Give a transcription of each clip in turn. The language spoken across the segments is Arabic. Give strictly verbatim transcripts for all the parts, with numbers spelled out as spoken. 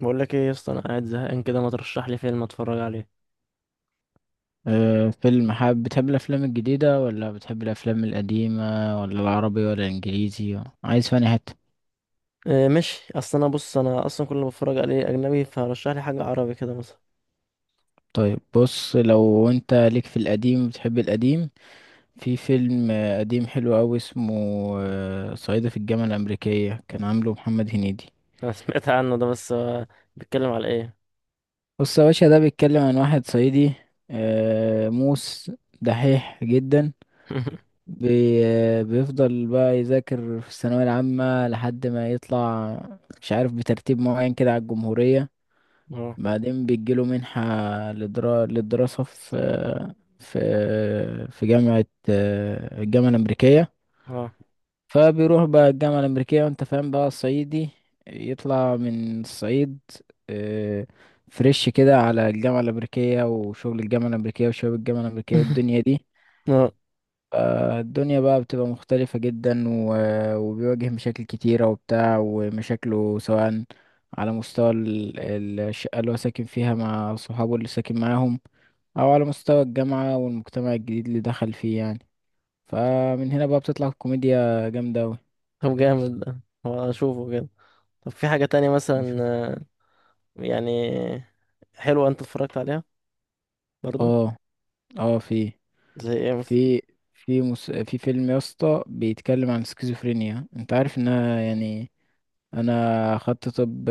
بقول لك ايه يا اسطى، انا قاعد زهقان كده، ما ترشح لي فيلم اتفرج عليه؟ أه فيلم، حابب بتحب الأفلام الجديدة ولا بتحب الأفلام القديمة؟ ولا العربي ولا الإنجليزي؟ عايز فاني حتة؟ إيه ماشي. اصل انا، بص، انا اصلا كل ما بتفرج عليه اجنبي، فرشح لي حاجه عربي كده مثلا. طيب بص، لو أنت ليك في القديم بتحب القديم. في فيلم آه، قديم حلو أوي، اسمه آه، صعيدي في الجامعة الأمريكية، كان عامله محمد هنيدي. انا سمعت عنه ده بس آه، بيتكلم على ايه؟ بص يا باشا، ده بيتكلم عن واحد صعيدي، آه، موس، دحيح جدا، بي آه، بيفضل بقى يذاكر في الثانوية العامة لحد ما يطلع، مش عارف بترتيب معين كده على الجمهورية. اه بعدين بيجيله منحة لدرا... للدراسة في في في جامعة، الجامعة الأمريكية. اه فبيروح بقى الجامعة الأمريكية، وأنت فاهم بقى الصعيدي يطلع من الصعيد آه، فريش كده على الجامعة الأمريكية، وشغل الجامعة الأمريكية، وشباب الجامعة الأمريكية، والدنيا دي. اه. آه، الدنيا بقى بتبقى مختلفة جدا، و- وبيواجه مشاكل كتيرة وبتاع، ومشاكله سواء على مستوى ال- ال- الشقة اللي هو ساكن فيها مع صحابه اللي ساكن معاهم، أو على مستوى الجامعة والمجتمع الجديد اللي دخل فيه يعني. فمن هنا بقى بتطلع كوميديا جامدة أوي. طب جامد ده، هو اشوفه كده. طب في حاجه تانية مثلا؟ نشوف. آه، يعني حلوه انت اتفرجت عليها برضو؟ اه، اه، في زي ايه مثلا؟ في في مس... في فيلم يا اسطى بيتكلم عن سكيزوفرينيا، انت عارف انها يعني. انا اخدت طب،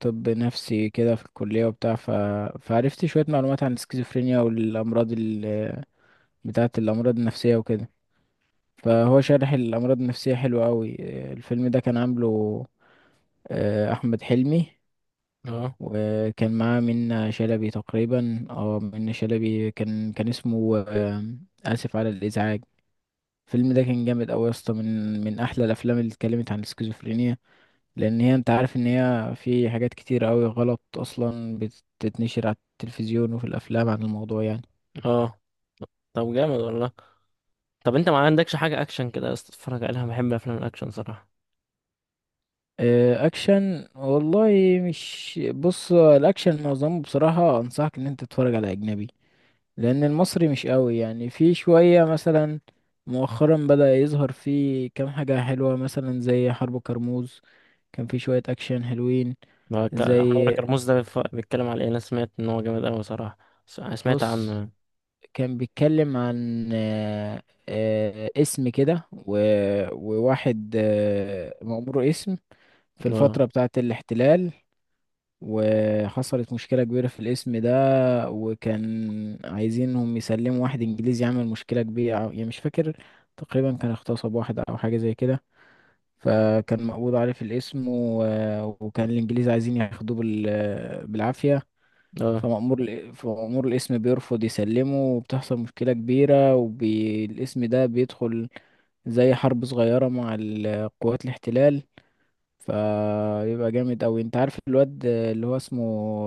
طب نفسي كده في الكليه وبتاع، ف... فعرفت شويه معلومات عن السكيزوفرينيا والامراض ال... بتاعه، الامراض النفسيه وكده. فهو شارح الامراض النفسيه حلو قوي. الفيلم ده كان عامله آه، احمد حلمي، اه وكان معاه منة شلبي تقريبا، اه، منة شلبي، كان كان اسمه آه، اسف على الازعاج. الفيلم ده كان جامد قوي يا اسطى، من من احلى الافلام اللي اتكلمت عن السكيزوفرينيا، لان هي انت عارف ان هي في حاجات كتير قوي غلط اصلا بتتنشر على التلفزيون وفي الافلام عن الموضوع يعني. اه. طب جامد والله. طب انت ما عندكش حاجه اكشن كده يا اسطى تتفرج عليها؟ بحب افلام الاكشن صراحه. آه، اكشن والله، مش، بص، الاكشن معظمه بصراحة انصحك ان انت تتفرج على اجنبي، لان المصري مش قوي يعني، في شوية مثلا مؤخرا بدأ يظهر فيه كام حاجة حلوة، مثلا زي حرب كرموز، كان في شوية اكشن حلوين. هو ك- حوار زي، كرموز ده بيف- بيتكلم على ايه؟ انا سمعت ان هو جامد اوي صراحة. س- سمعت بص، عنه. كان بيتكلم عن آه، آه، اسم كده، و- وواحد آه، مأمور اسم في اه الفترة بتاعة الاحتلال. وحصلت مشكلة كبيرة في الاسم ده، وكان عايزينهم يسلموا واحد إنجليزي عمل مشكلة كبيرة، أو- يعني مش فاكر، تقريبا كان اغتصب واحد أو حاجة زي كده. فكان مقبوض عليه في الاسم، و- وكان الإنجليز عايزين ياخدوه بال- بالعافية. اه. فمأمور ال- فمأمور القسم بيرفض يسلمه، وبتحصل مشكلة كبيرة، والقسم ده بيدخل زي حرب صغيرة مع ال- قوات الاحتلال. فبيبقى جامد أوي. انت عارف الواد اللي هو اسمه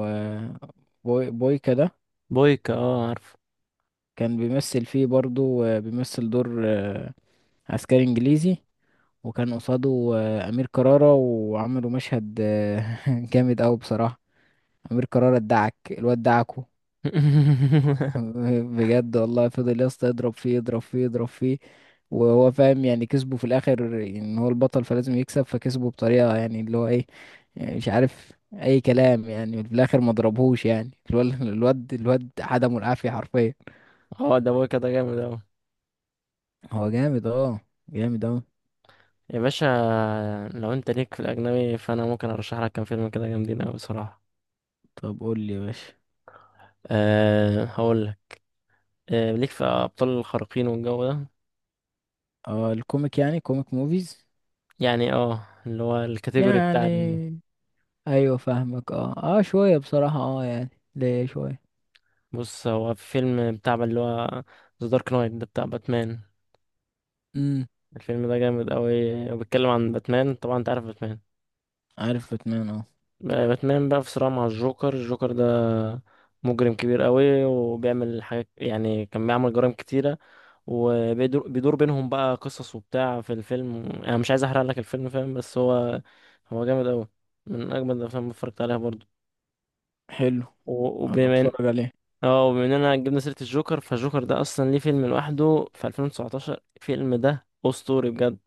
آه، بوي بويكا ده، بويكا؟ اه عارفه. كان بيمثل فيه برضو، آه، بيمثل دور آه، عسكري إنجليزي، وكان قصاده آه، أمير كرارة، وعملوا مشهد آه، جامد أوي بصراحة. أمير كرارة ادعك الواد دعكه. بجد والله، فضل يا اسطى يضرب فيه يضرب فيه يضرب فيه، وهو فاهم يعني كسبه في الاخر، ان هو البطل فلازم يكسب، فكسبه بطريقه يعني اللي هو ايه، يعني مش عارف اي كلام يعني، في الاخر ما ضربهوش يعني. الواد، الواد الواد عدمه العافيه حرفيا. اه، ده بويكا ده جامد اوي هو جامد، اه، جامد اوي. يا باشا. لو انت ليك في الاجنبي، فانا ممكن ارشح لك كام فيلم كده جامدين اوي صراحة. طب قول لي يا باشا. أه هقول لك. أه، ليك في ابطال الخارقين والجو ده؟ اه، الكوميك يعني، كوميك موفيز يعني اه، اللي هو الكاتيجوري بتاع ال- يعني، ايوه فاهمك، اه، اه، شويه بصراحه، اه يعني ليه شويه. بص، هو في فيلم بتاع اللي هو ذا دارك نايت ده بتاع باتمان. امم. الفيلم ده جامد قوي، وبيتكلم عن باتمان. طبعا انت عارف باتمان. عارف باتمان، اه. باتمان بقى في صراع مع الجوكر. الجوكر ده مجرم كبير قوي، وبيعمل حاجات، يعني كان بيعمل جرائم كتيرة. وبيدور بيدور بينهم بقى قصص وبتاع في الفيلم. انا مش عايز احرق لك الفيلم، فاهم؟ بس هو، هو جامد قوي، من اجمد الافلام اللي اتفرجت عليها برضو. حلو، و- ابقى وبما ان، اتفرج عليه. اه، وبما اننا جبنا سيرة الجوكر، فالجوكر ده اصلا ليه فيلم لوحده في ألفين وتسعتاشر. الفيلم ده اسطوري بجد.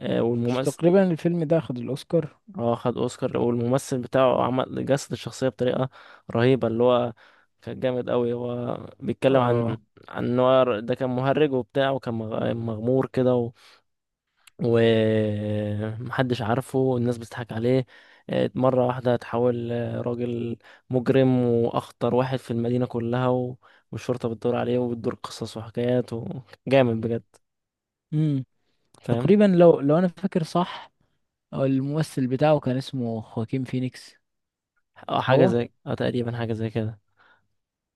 آه، مش والممثل، تقريبا الفيلم ده اخد الاوسكار؟ اه خد اوسكار. والممثل بتاعه عمل جسد الشخصيه بطريقه رهيبه. اللي هو كان جامد قوي. هو بيتكلم اه. عن، عن ان هو ده كان مهرج وبتاع، وكان مغ- مغمور كده، و... ومحدش عارفه، والناس بتضحك عليه. اه، مرة واحدة اتحول اه، راجل مجرم، وأخطر واحد في المدينة كلها، و... والشرطة بتدور عليه. وبتدور قصص وحكايات، وجامد بجد، امم، فاهم؟ تقريبا، لو لو انا فاكر صح، آه، الممثل بتاعه كان اسمه خواكين فينيكس. اه، حاجة هو، زي، اه، تقريبا حاجة زي كده.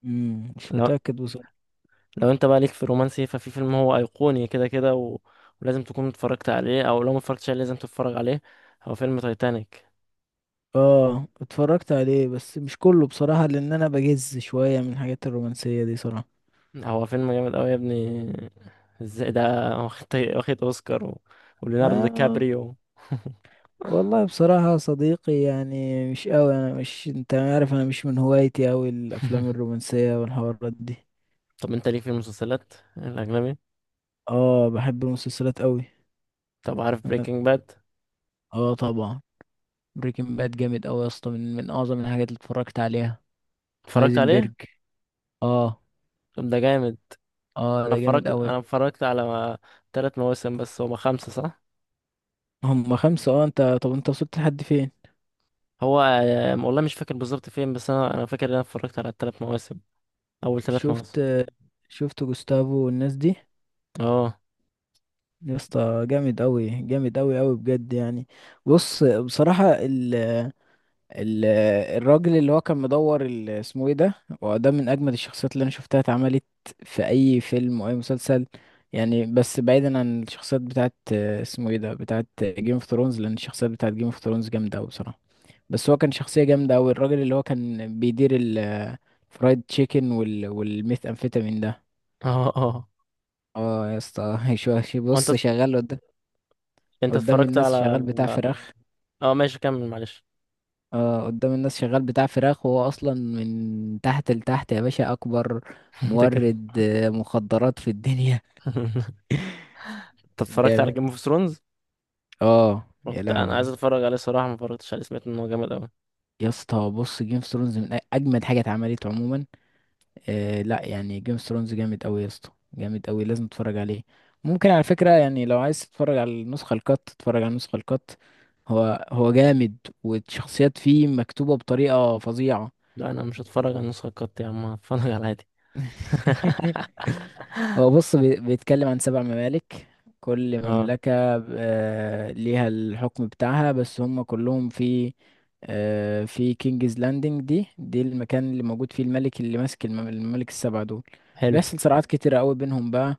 امم، مش لو متأكد بصراحة. لو انت بقى ليك في الرومانسي، ففي فيلم هو ايقوني كده كده، و... ولازم تكون اتفرجت عليه، او لو ما اتفرجتش عليه لازم تتفرج عليه. هو فيلم تايتانيك. اه اتفرجت عليه بس مش كله بصراحة، لان انا بجز شوية من الحاجات الرومانسية دي صراحة. هو فيلم جامد قوي يا ابني. ازاي ده؟ واخد، واخد اوسكار، و... وليوناردو دي ما كابريو. والله بصراحة يا صديقي، يعني مش قوي، انا مش، انت عارف، انا مش من هوايتي قوي الافلام الرومانسية والحوارات دي. طب انت ليك في المسلسلات الاجنبي؟ اه، بحب المسلسلات قوي. طب عارف اه، بريكنج باد؟ آه، طبعا. بريكنج باد جامد قوي يا اسطى، من من اعظم الحاجات اللي اتفرجت عليها. اتفرجت عليه؟ هايزنبرج، اه. طب ده جامد. اه، انا ده جامد اتفرجت، قوي. انا اتفرجت على ثلاث مواسم، بس هما خمسة صح؟ هم خمسة، اه. انت طب انت وصلت لحد فين؟ هو آه، والله مش فاكر بالظبط فين، بس انا، انا فاكر ان انا اتفرجت على الثلاث مواسم، اول ثلاث شفت، مواسم. شفت جوستافو والناس دي؟ اه يا اسطى جامد قوي، جامد قوي قوي بجد يعني. بص بصراحة، ال- الراجل اللي هو كان مدور، ال- اسمه ايه ده، وده من اجمد الشخصيات اللي انا شفتها اتعملت في اي فيلم واي مسلسل يعني. بس بعيدا عن الشخصيات بتاعت آه، اسمه ايه ده، بتاعت جيم اوف ثرونز، لان الشخصيات بتاعت جيم اوف ثرونز جامده قوي بصراحه. بس هو كان شخصيه جامده قوي، الراجل اللي هو كان بيدير الفرايد تشيكن وال، والميث امفيتامين ده. اه اه. اه يا اسطى، شو- هو انت، بص، شغال قدام، انت قدام اتفرجت الناس على، شغال بتاع فراخ. اه ماشي كمل معلش. اه قدام الناس شغال بتاع فراخ، وهو اصلا من تحت لتحت يا باشا اكبر انت كده. مورد آه، مخدرات في الدنيا. انت اتفرجت على جامد، جيم اوف ثرونز؟ اه يا كنت انا عايز لهوي. اتفرج عليه صراحه، ما اتفرجتش عليه، سمعت ان هو جامد قوي. يا اسطى بص، جيم اوف ثرونز من أ- اجمد حاجه اتعملت عموما. آه لا يعني، جيم اوف ثرونز جامد قوي يا اسطى، جامد قوي، لازم تتفرج عليه. ممكن على فكره يعني لو عايز تتفرج على النسخه الكات، تتفرج على النسخه الكات. هو هو جامد، والشخصيات فيه مكتوبه بطريقه فظيعه. لا انا مش هتفرج على النسخه القط يا عم، هتفرج على العادي. هو بص بي- بيتكلم عن سبع ممالك، كل اه مملكة آه، ليها الحكم بتاعها، بس هم كلهم في آه، في كينجز لاندنج، دي دي المكان اللي موجود فيه الملك اللي ماسك المم- الممالك السبعة دول. حلو. بيحصل صراعات كتيرة قوي بينهم بقى،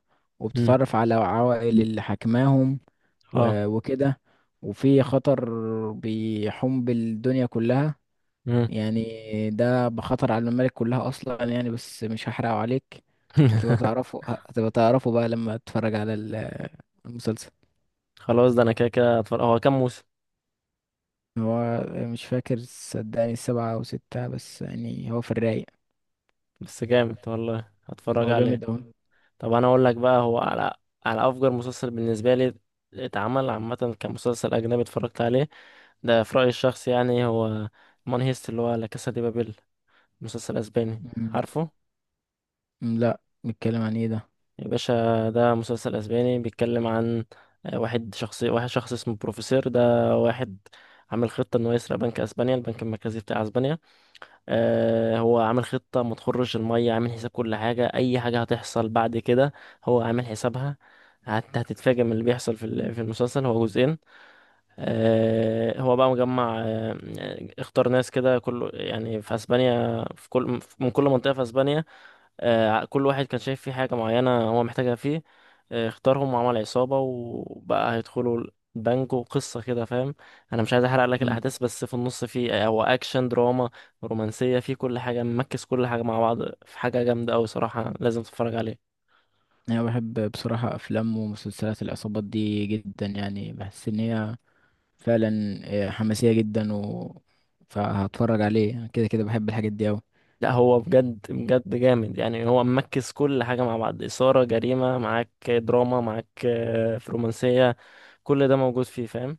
امم. وبتتعرف على عوائل اللي حكماهم، اه. و- وكده. وفي خطر بيحوم بالدنيا كلها امم. يعني، ده بخطر على الممالك كلها اصلا يعني، بس مش هحرقه عليك. هتبقى تعرفه، هتبقى تعرفه بقى لما تتفرج على ال- المسلسل. خلاص، ده انا كده كده هتفرج. هو كام موسم؟ هو مش فاكر، صدقني السبعة او ستة، بس يعني هو في الرايق. بس جامد والله، هتفرج هو جامد عليه. اوي. طب انا اقول لك بقى، هو على، على افجر مسلسل بالنسبه لي اتعمل عامه كمسلسل اجنبي اتفرجت عليه، ده في رأيي الشخصي يعني، هو مون هيست، اللي هو لا كاسا دي بابيل، مسلسل اسباني مم. عارفه؟ مم، لا، بيتكلم عن ايه ده؟ يا باشا ده مسلسل اسباني بيتكلم عن آه، واحد، شخص واحد شخص اسمه بروفيسور ده، واحد عامل خطة انه يسرق بنك اسبانيا، البنك المركزي بتاع اسبانيا. آه، هو عامل خطة ما تخرش المية، عامل حساب كل حاجة، اي حاجة هتحصل بعد كده هو عامل حسابها. هت- هتتفاجئ من اللي بيحصل في ال- في المسلسل. هو جزئين. آه، هو بقى مجمع، آه، اختار ناس كده، كل يعني، في اسبانيا، في كل، من كل منطقة في اسبانيا، آه، كل واحد كان شايف فيه حاجة معينة هو محتاجها فيه، آه، اختارهم وعمل عصابة وبقى هيدخلوا البنك، وقصة كده فاهم. انا مش عايز احرق لك مم. الاحداث، بس في النص فيه، هو اكشن دراما رومانسية، فيه كل حاجة، ممكس كل حاجة مع بعض. في حاجة جامدة اوي صراحة، لازم تتفرج عليها. انا بحب بصراحة افلام ومسلسلات العصابات دي جدا يعني، بحس ان هي فعلا آه، حماسية جدا، و فهتفرج عليه. أنا كده كده بحب الحاجات دي أوي. لا، هو بجد بجد جامد، يعني هو مركز كل حاجة مع بعض، إثارة، جريمة، معاك دراما، معاك آه، رومانسية، كل ده موجود فيه، فاهم؟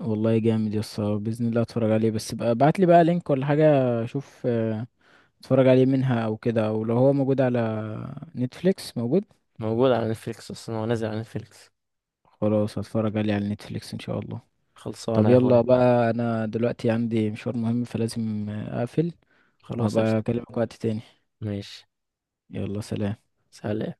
والله جامد يا اسطى، باذن الله اتفرج عليه، بس بقى ابعت لي بقى لينك ولا حاجه اشوف آه، اتفرج عليه منها او كده، او لو هو موجود على نتفليكس. موجود؟ موجود على نتفليكس أصلا، هو نازل على نتفليكس. خلاص، هتفرج عليه على نتفليكس ان شاء الله. طب خلصانة يا يلا أخويا. بقى، انا دلوقتي عندي مشوار مهم فلازم آه، اقفل، خلاص قشطة. وهبقى اكلمك وقت تاني. ماشي. يلا سلام. سلام.